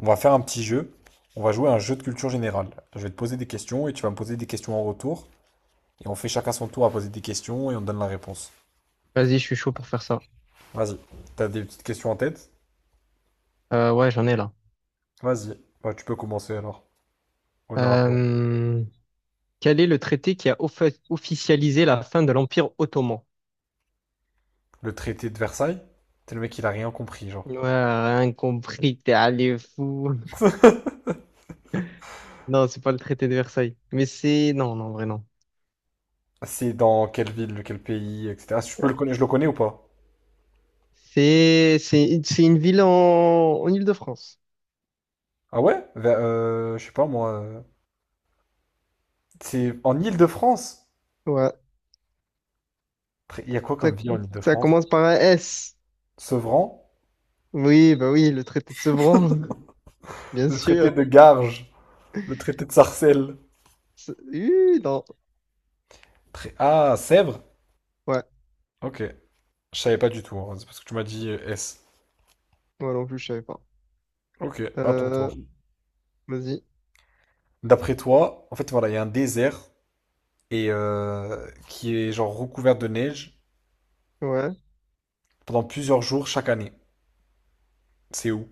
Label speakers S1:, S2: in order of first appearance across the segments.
S1: On va faire un petit jeu. On va jouer à un jeu de culture générale. Je vais te poser des questions et tu vas me poser des questions en retour. Et on fait chacun son tour à poser des questions et on donne la réponse.
S2: Vas-y, je suis chaud pour faire ça.
S1: Vas-y. T'as des petites questions en tête?
S2: Ouais, j'en ai là.
S1: Vas-y. Bah, tu peux commencer alors. Honneur à toi.
S2: Euh, Quel est le traité qui officialisé la fin de l'Empire ottoman?
S1: Le traité de Versailles? C'est le mec, il a rien compris, genre.
S2: Ouais, rien compris, t'es allé fou. Non, c'est pas le traité de Versailles. Mais c'est... Non, non, en vrai, non.
S1: C'est dans quelle ville, quel pays, etc. Je peux le connaître, je le connais ou pas?
S2: C'est une ville en Île-de-France.
S1: Ah ouais? Je sais pas moi. C'est en Île-de-France.
S2: Ouais.
S1: Il y a quoi
S2: Ça,
S1: comme ville en
S2: Ça
S1: Île-de-France?
S2: commence par un S.
S1: Sevran?
S2: Oui, bah oui, le traité de Sevran. Bien
S1: Le traité
S2: sûr.
S1: de Garges. Le traité de Sarcelles.
S2: Non.
S1: Ah, Sèvres?
S2: Ouais.
S1: Ok. Je savais pas du tout, hein. C'est parce que tu m'as dit S.
S2: Moi non plus, je savais pas.
S1: Ok, à ton
S2: Euh,
S1: tour.
S2: Vas-y.
S1: D'après toi, en fait, voilà, il y a un désert et qui est genre recouvert de neige
S2: Ouais.
S1: pendant plusieurs jours chaque année. C'est où?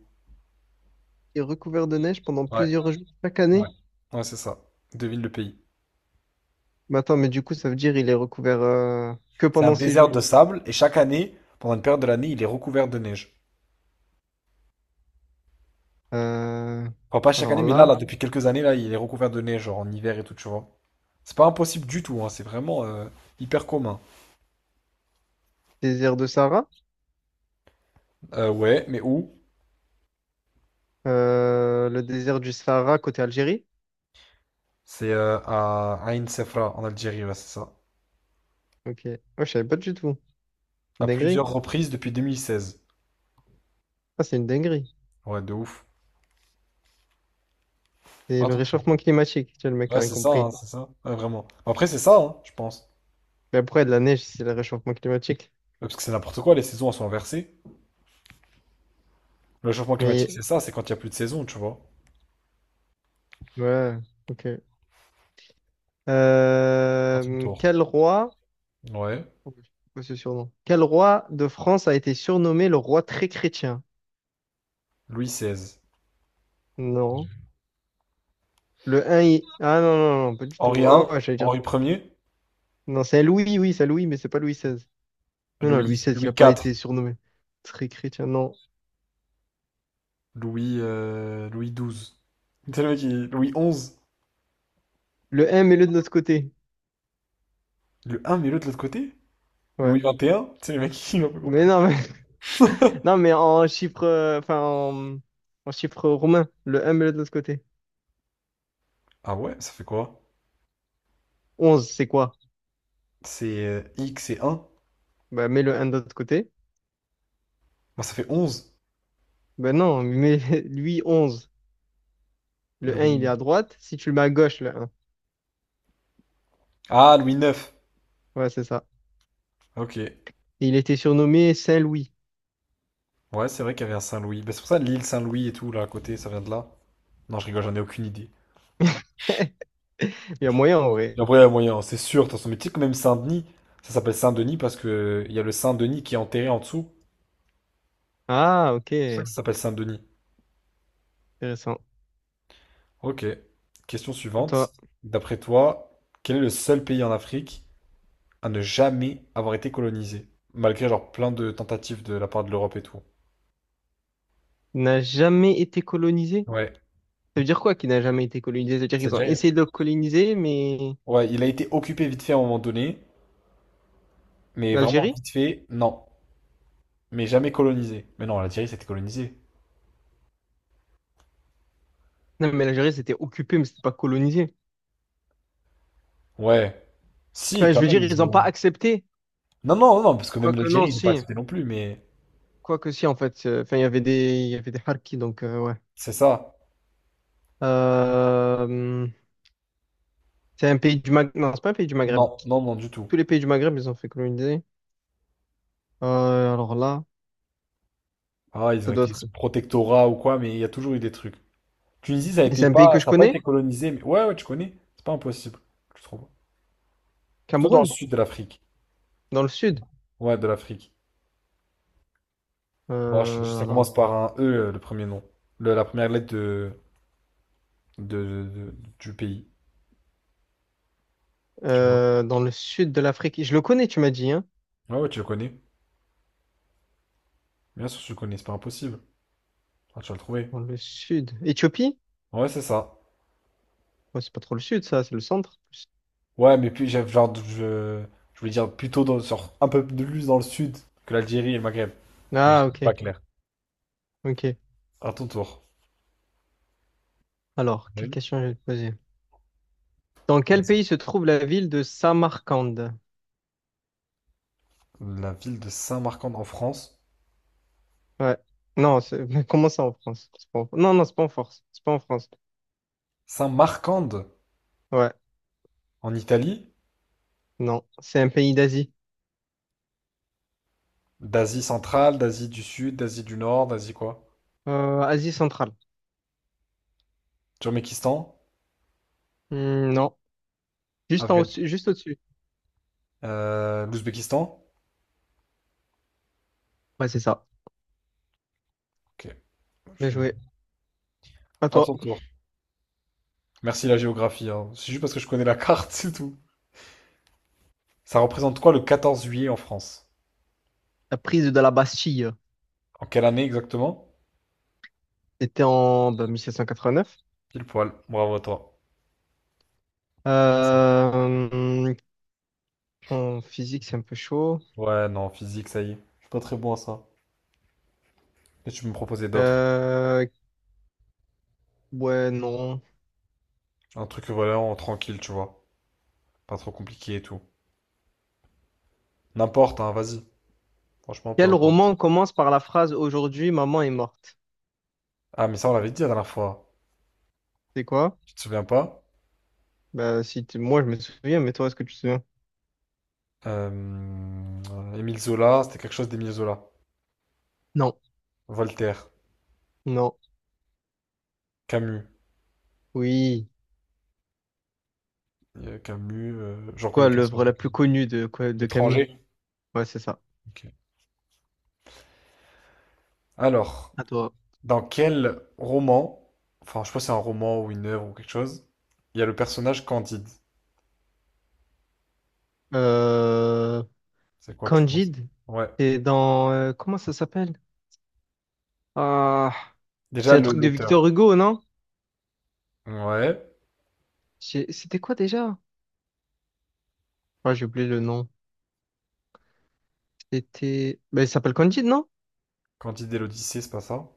S2: Est recouvert de neige pendant
S1: Ouais,
S2: plusieurs jours chaque
S1: ouais.
S2: année.
S1: Ouais, c'est ça. Devine le pays.
S2: Mais attends, mais du coup, ça veut dire il est recouvert que
S1: C'est un
S2: pendant six
S1: désert
S2: jours.
S1: de sable et chaque année, pendant une période de l'année, il est recouvert de neige.
S2: Euh,
S1: Enfin, pas chaque année,
S2: alors
S1: mais là,
S2: là,
S1: là, depuis quelques années, là, il est recouvert de neige, genre en hiver et tout, tu vois. C'est pas impossible du tout, hein. C'est vraiment hyper commun.
S2: Désert de Sahara,
S1: Ouais, mais où?
S2: Le désert du Sahara côté Algérie.
S1: C'est à Ain Sefra en Algérie, ouais, c'est ça.
S2: Ok, moi je savais pas du tout. Une
S1: À
S2: dinguerie.
S1: plusieurs reprises depuis 2016.
S2: Ah, c'est une dinguerie.
S1: Ouais, de ouf.
S2: C'est le
S1: Attends,
S2: réchauffement climatique. Tu vois, le mec
S1: ouais,
S2: a rien
S1: c'est ça, hein,
S2: compris.
S1: c'est ça. Ouais, vraiment. Après, c'est ça, hein, je pense.
S2: Mais après, de la neige, c'est le réchauffement climatique.
S1: Ouais, parce que c'est n'importe quoi, les saisons elles sont inversées. Le changement
S2: Mais
S1: climatique, c'est ça, c'est quand il n'y a plus de saison, tu vois.
S2: ouais, ok.
S1: À ton tour.
S2: Quel roi,
S1: Ouais.
S2: oh, je sais pas ce surnom. Quel roi de France a été surnommé le roi très chrétien?
S1: Louis XVI.
S2: Non. Le un, il... Ah non, non, non, pas du tout.
S1: Henri I,
S2: Oh, ouais, j'allais dire.
S1: Henri premier.
S2: Non, c'est Louis, oui, c'est Louis, mais c'est pas Louis XVI. Non, non, Louis
S1: Louis,
S2: XVI, il n'a
S1: Louis
S2: pas
S1: IV,
S2: été surnommé. Très chrétien, non.
S1: Louis, Louis XII. Tu sais, le mec, Louis XI.
S2: Le un mets-le de notre côté.
S1: Le un mais l'autre de l'autre côté?
S2: Ouais.
S1: Louis XXI? Tu sais, le mec, il m'a pas
S2: Mais
S1: compris.
S2: non, mais, non, mais en chiffre, en chiffre romain, le un mets-le de notre côté.
S1: Ah ouais, ça fait quoi?
S2: Onze c'est quoi?
S1: C'est X et 1.
S2: Bah, mets le un de l'autre côté.
S1: Bon, ça fait 11.
S2: Ben non, mais lui, onze. Le un il est
S1: Louis.
S2: à droite. Si tu le mets à gauche, le 1.
S1: Ah, Louis 9.
S2: Ouais, c'est ça.
S1: Ok.
S2: Et il était surnommé Saint-Louis.
S1: Ouais, c'est vrai qu'il y avait un Saint-Louis. Bah, c'est pour ça l'île Saint-Louis et tout, là, à côté, ça vient de là. Non, je rigole, j'en ai aucune idée.
S2: Il y a moyen, en vrai.
S1: Et après, il y a moyen, c'est sûr. De toute façon, mais tu sais que même Saint-Denis, ça s'appelle Saint-Denis parce que il y a le Saint-Denis qui est enterré en dessous.
S2: Ah, ok.
S1: C'est pour ça que ça s'appelle Saint-Denis.
S2: Intéressant.
S1: Ok. Question
S2: À
S1: suivante.
S2: toi,
S1: D'après toi, quel est le seul pays en Afrique à ne jamais avoir été colonisé? Malgré, genre, plein de tentatives de la part de l'Europe et tout.
S2: n'a jamais été colonisé?
S1: Ouais.
S2: Ça veut dire quoi qui n'a jamais été colonisé? Ça veut dire
S1: C'est
S2: qu'ils ont
S1: déjà...
S2: essayé de le coloniser, mais
S1: Ouais, il a été occupé vite fait à un moment donné, mais vraiment
S2: l'Algérie?
S1: vite fait, non. Mais jamais colonisé. Mais non, l'Algérie, c'était colonisé.
S2: Non, mais l'Algérie, c'était occupé, mais c'était pas colonisé.
S1: Ouais. Si,
S2: Enfin, je
S1: quand
S2: veux
S1: même,
S2: dire, ils
S1: ils
S2: n'ont pas
S1: ont...
S2: accepté.
S1: Non, non, non, parce que même
S2: Quoique
S1: l'Algérie,
S2: non,
S1: ils ont pas
S2: si.
S1: accepté non plus, mais...
S2: Quoique si, en fait. Enfin, il y avait il y avait des Harkis, donc ouais.
S1: C'est ça.
S2: Euh, c'est un pays du Maghreb. Non, c'est pas un pays du Maghreb.
S1: Non, non, non, du tout.
S2: Tous les pays du Maghreb, ils ont fait coloniser. Euh, alors là,
S1: Ah, ils ont
S2: ça doit
S1: été
S2: être.
S1: sous protectorat ou quoi, mais il y a toujours eu des trucs. Tunisie, ça a
S2: Et
S1: été
S2: c'est un pays que
S1: pas...
S2: je
S1: Ça a pas été
S2: connais?
S1: colonisé, mais... Ouais, ouais, tu connais. C'est pas impossible, je trouve. Plutôt dans le
S2: Cameroun,
S1: sud de l'Afrique.
S2: dans le sud.
S1: Ouais, de l'Afrique. Bon,
S2: Euh,
S1: ça
S2: alors.
S1: commence par un E, le premier nom. La première lettre de, de- du pays.
S2: Dans le sud de l'Afrique. Je le connais, tu m'as dit, hein?
S1: Ah ouais, tu le connais. Bien sûr, tu le connais, c'est pas impossible. Ah, tu vas le trouver.
S2: Dans le sud. Éthiopie?
S1: Ouais, c'est ça.
S2: Ouais, c'est pas trop le sud, ça, c'est le centre.
S1: Ouais, mais puis j'avais genre, je voulais dire plutôt dans, sur un peu plus dans le sud que l'Algérie et le Maghreb. Mais je
S2: Ah,
S1: suis
S2: ok,
S1: pas clair.
S2: ok.
S1: À ton tour.
S2: Alors, quelle
S1: Oui.
S2: question je vais te poser? Dans quel
S1: Vas-y.
S2: pays se trouve la ville de Samarcande?
S1: La ville de Saint-Marcande en France.
S2: Ouais. Non, c'est- comment ça en France? C'est pas en- Non, non, c'est pas en France. C'est pas en France.
S1: Saint-Marcande
S2: Ouais.
S1: en Italie.
S2: Non, c'est un pays d'Asie.
S1: D'Asie centrale, d'Asie du sud, d'Asie du nord, d'Asie quoi?
S2: Asie centrale.
S1: Turkménistan.
S2: Hmm, non. Juste en au
S1: Afghanistan.
S2: dessus juste au-dessus.
S1: L'Ouzbékistan.
S2: Ouais, c'est ça.
S1: Ok.
S2: Bien
S1: je-
S2: joué. À
S1: À ton
S2: toi.
S1: tour. Merci la géographie, hein. C'est juste parce que je connais la carte, c'est tout. Ça représente quoi le 14 juillet en France?
S2: La prise de la Bastille.
S1: En quelle année exactement?
S2: C'était en bah, 1789.
S1: Pile poil. Bravo à toi.
S2: Euh, En physique, c'est un peu chaud.
S1: Ouais, non, physique, ça y est. Je suis pas très bon à ça. Et tu peux me proposer d'autres.
S2: Euh, ouais, non.
S1: Un truc vraiment tranquille, tu vois. Pas trop compliqué et tout. N'importe, hein, vas-y. Franchement, peu
S2: Quel
S1: importe.
S2: roman commence par la phrase aujourd'hui, maman est morte?
S1: Ah, mais ça, on l'avait dit la dernière fois.
S2: C'est quoi?
S1: Tu te souviens pas?
S2: Bah, si tu- moi, je me souviens, mais toi, est-ce que tu te souviens?
S1: Euh, Émile Zola, c'était quelque chose d'Émile Zola.
S2: Non.
S1: Voltaire,
S2: Non.
S1: Camus.
S2: Oui.
S1: Camus, j'en
S2: Quoi,
S1: connais qu'un seul.
S2: l'œuvre la plus connue de, quoi, de Camus?
S1: L'étranger.
S2: Ouais, c'est ça.
S1: Ok. Alors,
S2: À toi.
S1: dans quel roman, enfin je sais pas si c'est un roman ou une œuvre ou quelque chose, il y a le personnage Candide.
S2: Euh,
S1: C'est quoi tu penses?
S2: Candide,
S1: Ouais.
S2: c'est dans... comment ça s'appelle? Ah, c'est
S1: Déjà
S2: un
S1: le
S2: truc de
S1: l'auteur.
S2: Victor Hugo, non?
S1: Ouais.
S2: J'ai- C'était quoi déjà? Ouais, j'ai oublié le nom. C'était... Bah, il s'appelle Candide, non?
S1: Candide et l'Odyssée, c'est pas ça?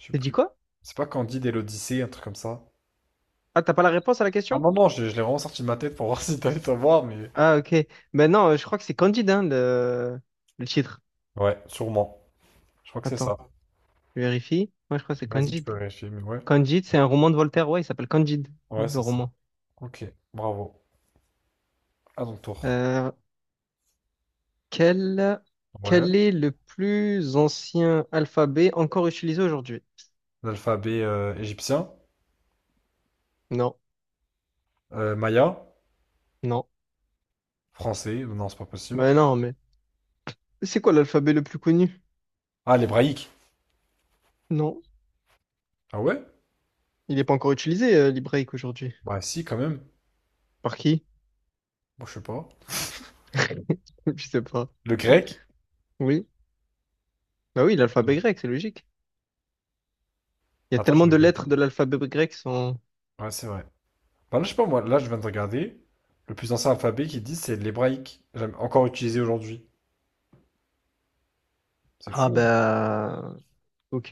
S1: Je sais
S2: T'as dit
S1: plus.
S2: quoi?
S1: C'est pas Candide et l'Odyssée, un truc comme ça.
S2: Ah, t'as pas la réponse à la
S1: Ah
S2: question?
S1: non, non, je l'ai vraiment sorti de ma tête pour voir si t'allais savoir, mais.
S2: Ah, ok. Ben non, je crois que c'est Candide, hein, le titre.
S1: Ouais, sûrement. Je crois que c'est
S2: Attends,
S1: ça.
S2: je vérifie. Moi, je crois que c'est
S1: Vas-y, tu
S2: Candide.
S1: peux vérifier, mais ouais.
S2: Candide, c'est un roman de Voltaire. Ouais, il s'appelle Candide,
S1: Ouais,
S2: le
S1: c'est ça.
S2: roman.
S1: Ok, bravo. À ton tour.
S2: Euh, quel...
S1: Ouais.
S2: Quel est le plus ancien alphabet encore utilisé aujourd'hui?
S1: L'alphabet égyptien.
S2: Non,
S1: Maya.
S2: non.
S1: Français. Non, c'est pas possible.
S2: Ben non, mais c'est quoi l'alphabet le plus connu?
S1: Ah, l'hébraïque.
S2: Non,
S1: Ah ouais?
S2: il n'est pas encore utilisé, l'hébraïque aujourd'hui.
S1: Bah si, quand même.
S2: Par qui?
S1: Bon, je sais pas.
S2: Je sais pas.
S1: Le grec?
S2: Oui. Bah oui, l'alphabet grec, c'est logique. Il y a
S1: Attends, je
S2: tellement
S1: vais
S2: de lettres
S1: vérifier.
S2: de l'alphabet grec qui sont...
S1: Ouais, c'est vrai. Bah là, je sais pas, moi, là, je viens de regarder. Le plus ancien alphabet qu'ils disent, c'est l'hébraïque. Jamais encore utilisé aujourd'hui. C'est
S2: Ah
S1: fou, hein.
S2: bah ok,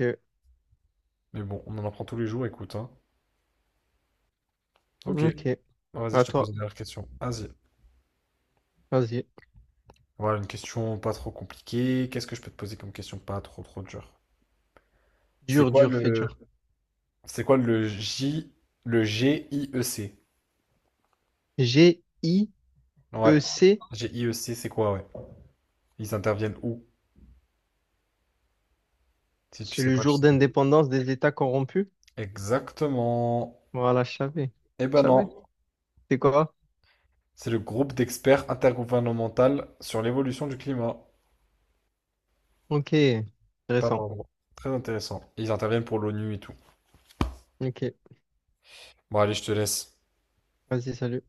S1: Mais bon, on en apprend tous les jours, écoute, hein. Ok.
S2: ok,
S1: Bah, vas-y,
S2: à
S1: je te pose une
S2: toi,
S1: dernière question. Vas-y.
S2: vas-y.
S1: Voilà, une question pas trop compliquée. Qu'est-ce que je peux te poser comme question pas trop, trop dure? C'est
S2: Dur,
S1: quoi
S2: dur, fait
S1: le...
S2: dur.
S1: C'est quoi le J... Le GIEC.
S2: GIEC,
S1: Ouais. GIEC c'est quoi, ouais? Ils interviennent où? Si tu
S2: c'est
S1: sais
S2: le
S1: pas, tu
S2: jour
S1: sais pas.
S2: d'indépendance des États corrompus.
S1: Exactement.
S2: Voilà, je savais.
S1: Eh
S2: Je
S1: ben
S2: savais.
S1: non,
S2: C'est quoi?
S1: c'est le groupe d'experts intergouvernemental sur l'évolution du climat.
S2: Ok,
S1: Pas
S2: intéressant.
S1: vraiment. Très intéressant. Ils interviennent pour l'ONU et tout.
S2: Ok,
S1: Bon, allez, je te laisse.
S2: vas-y, salut.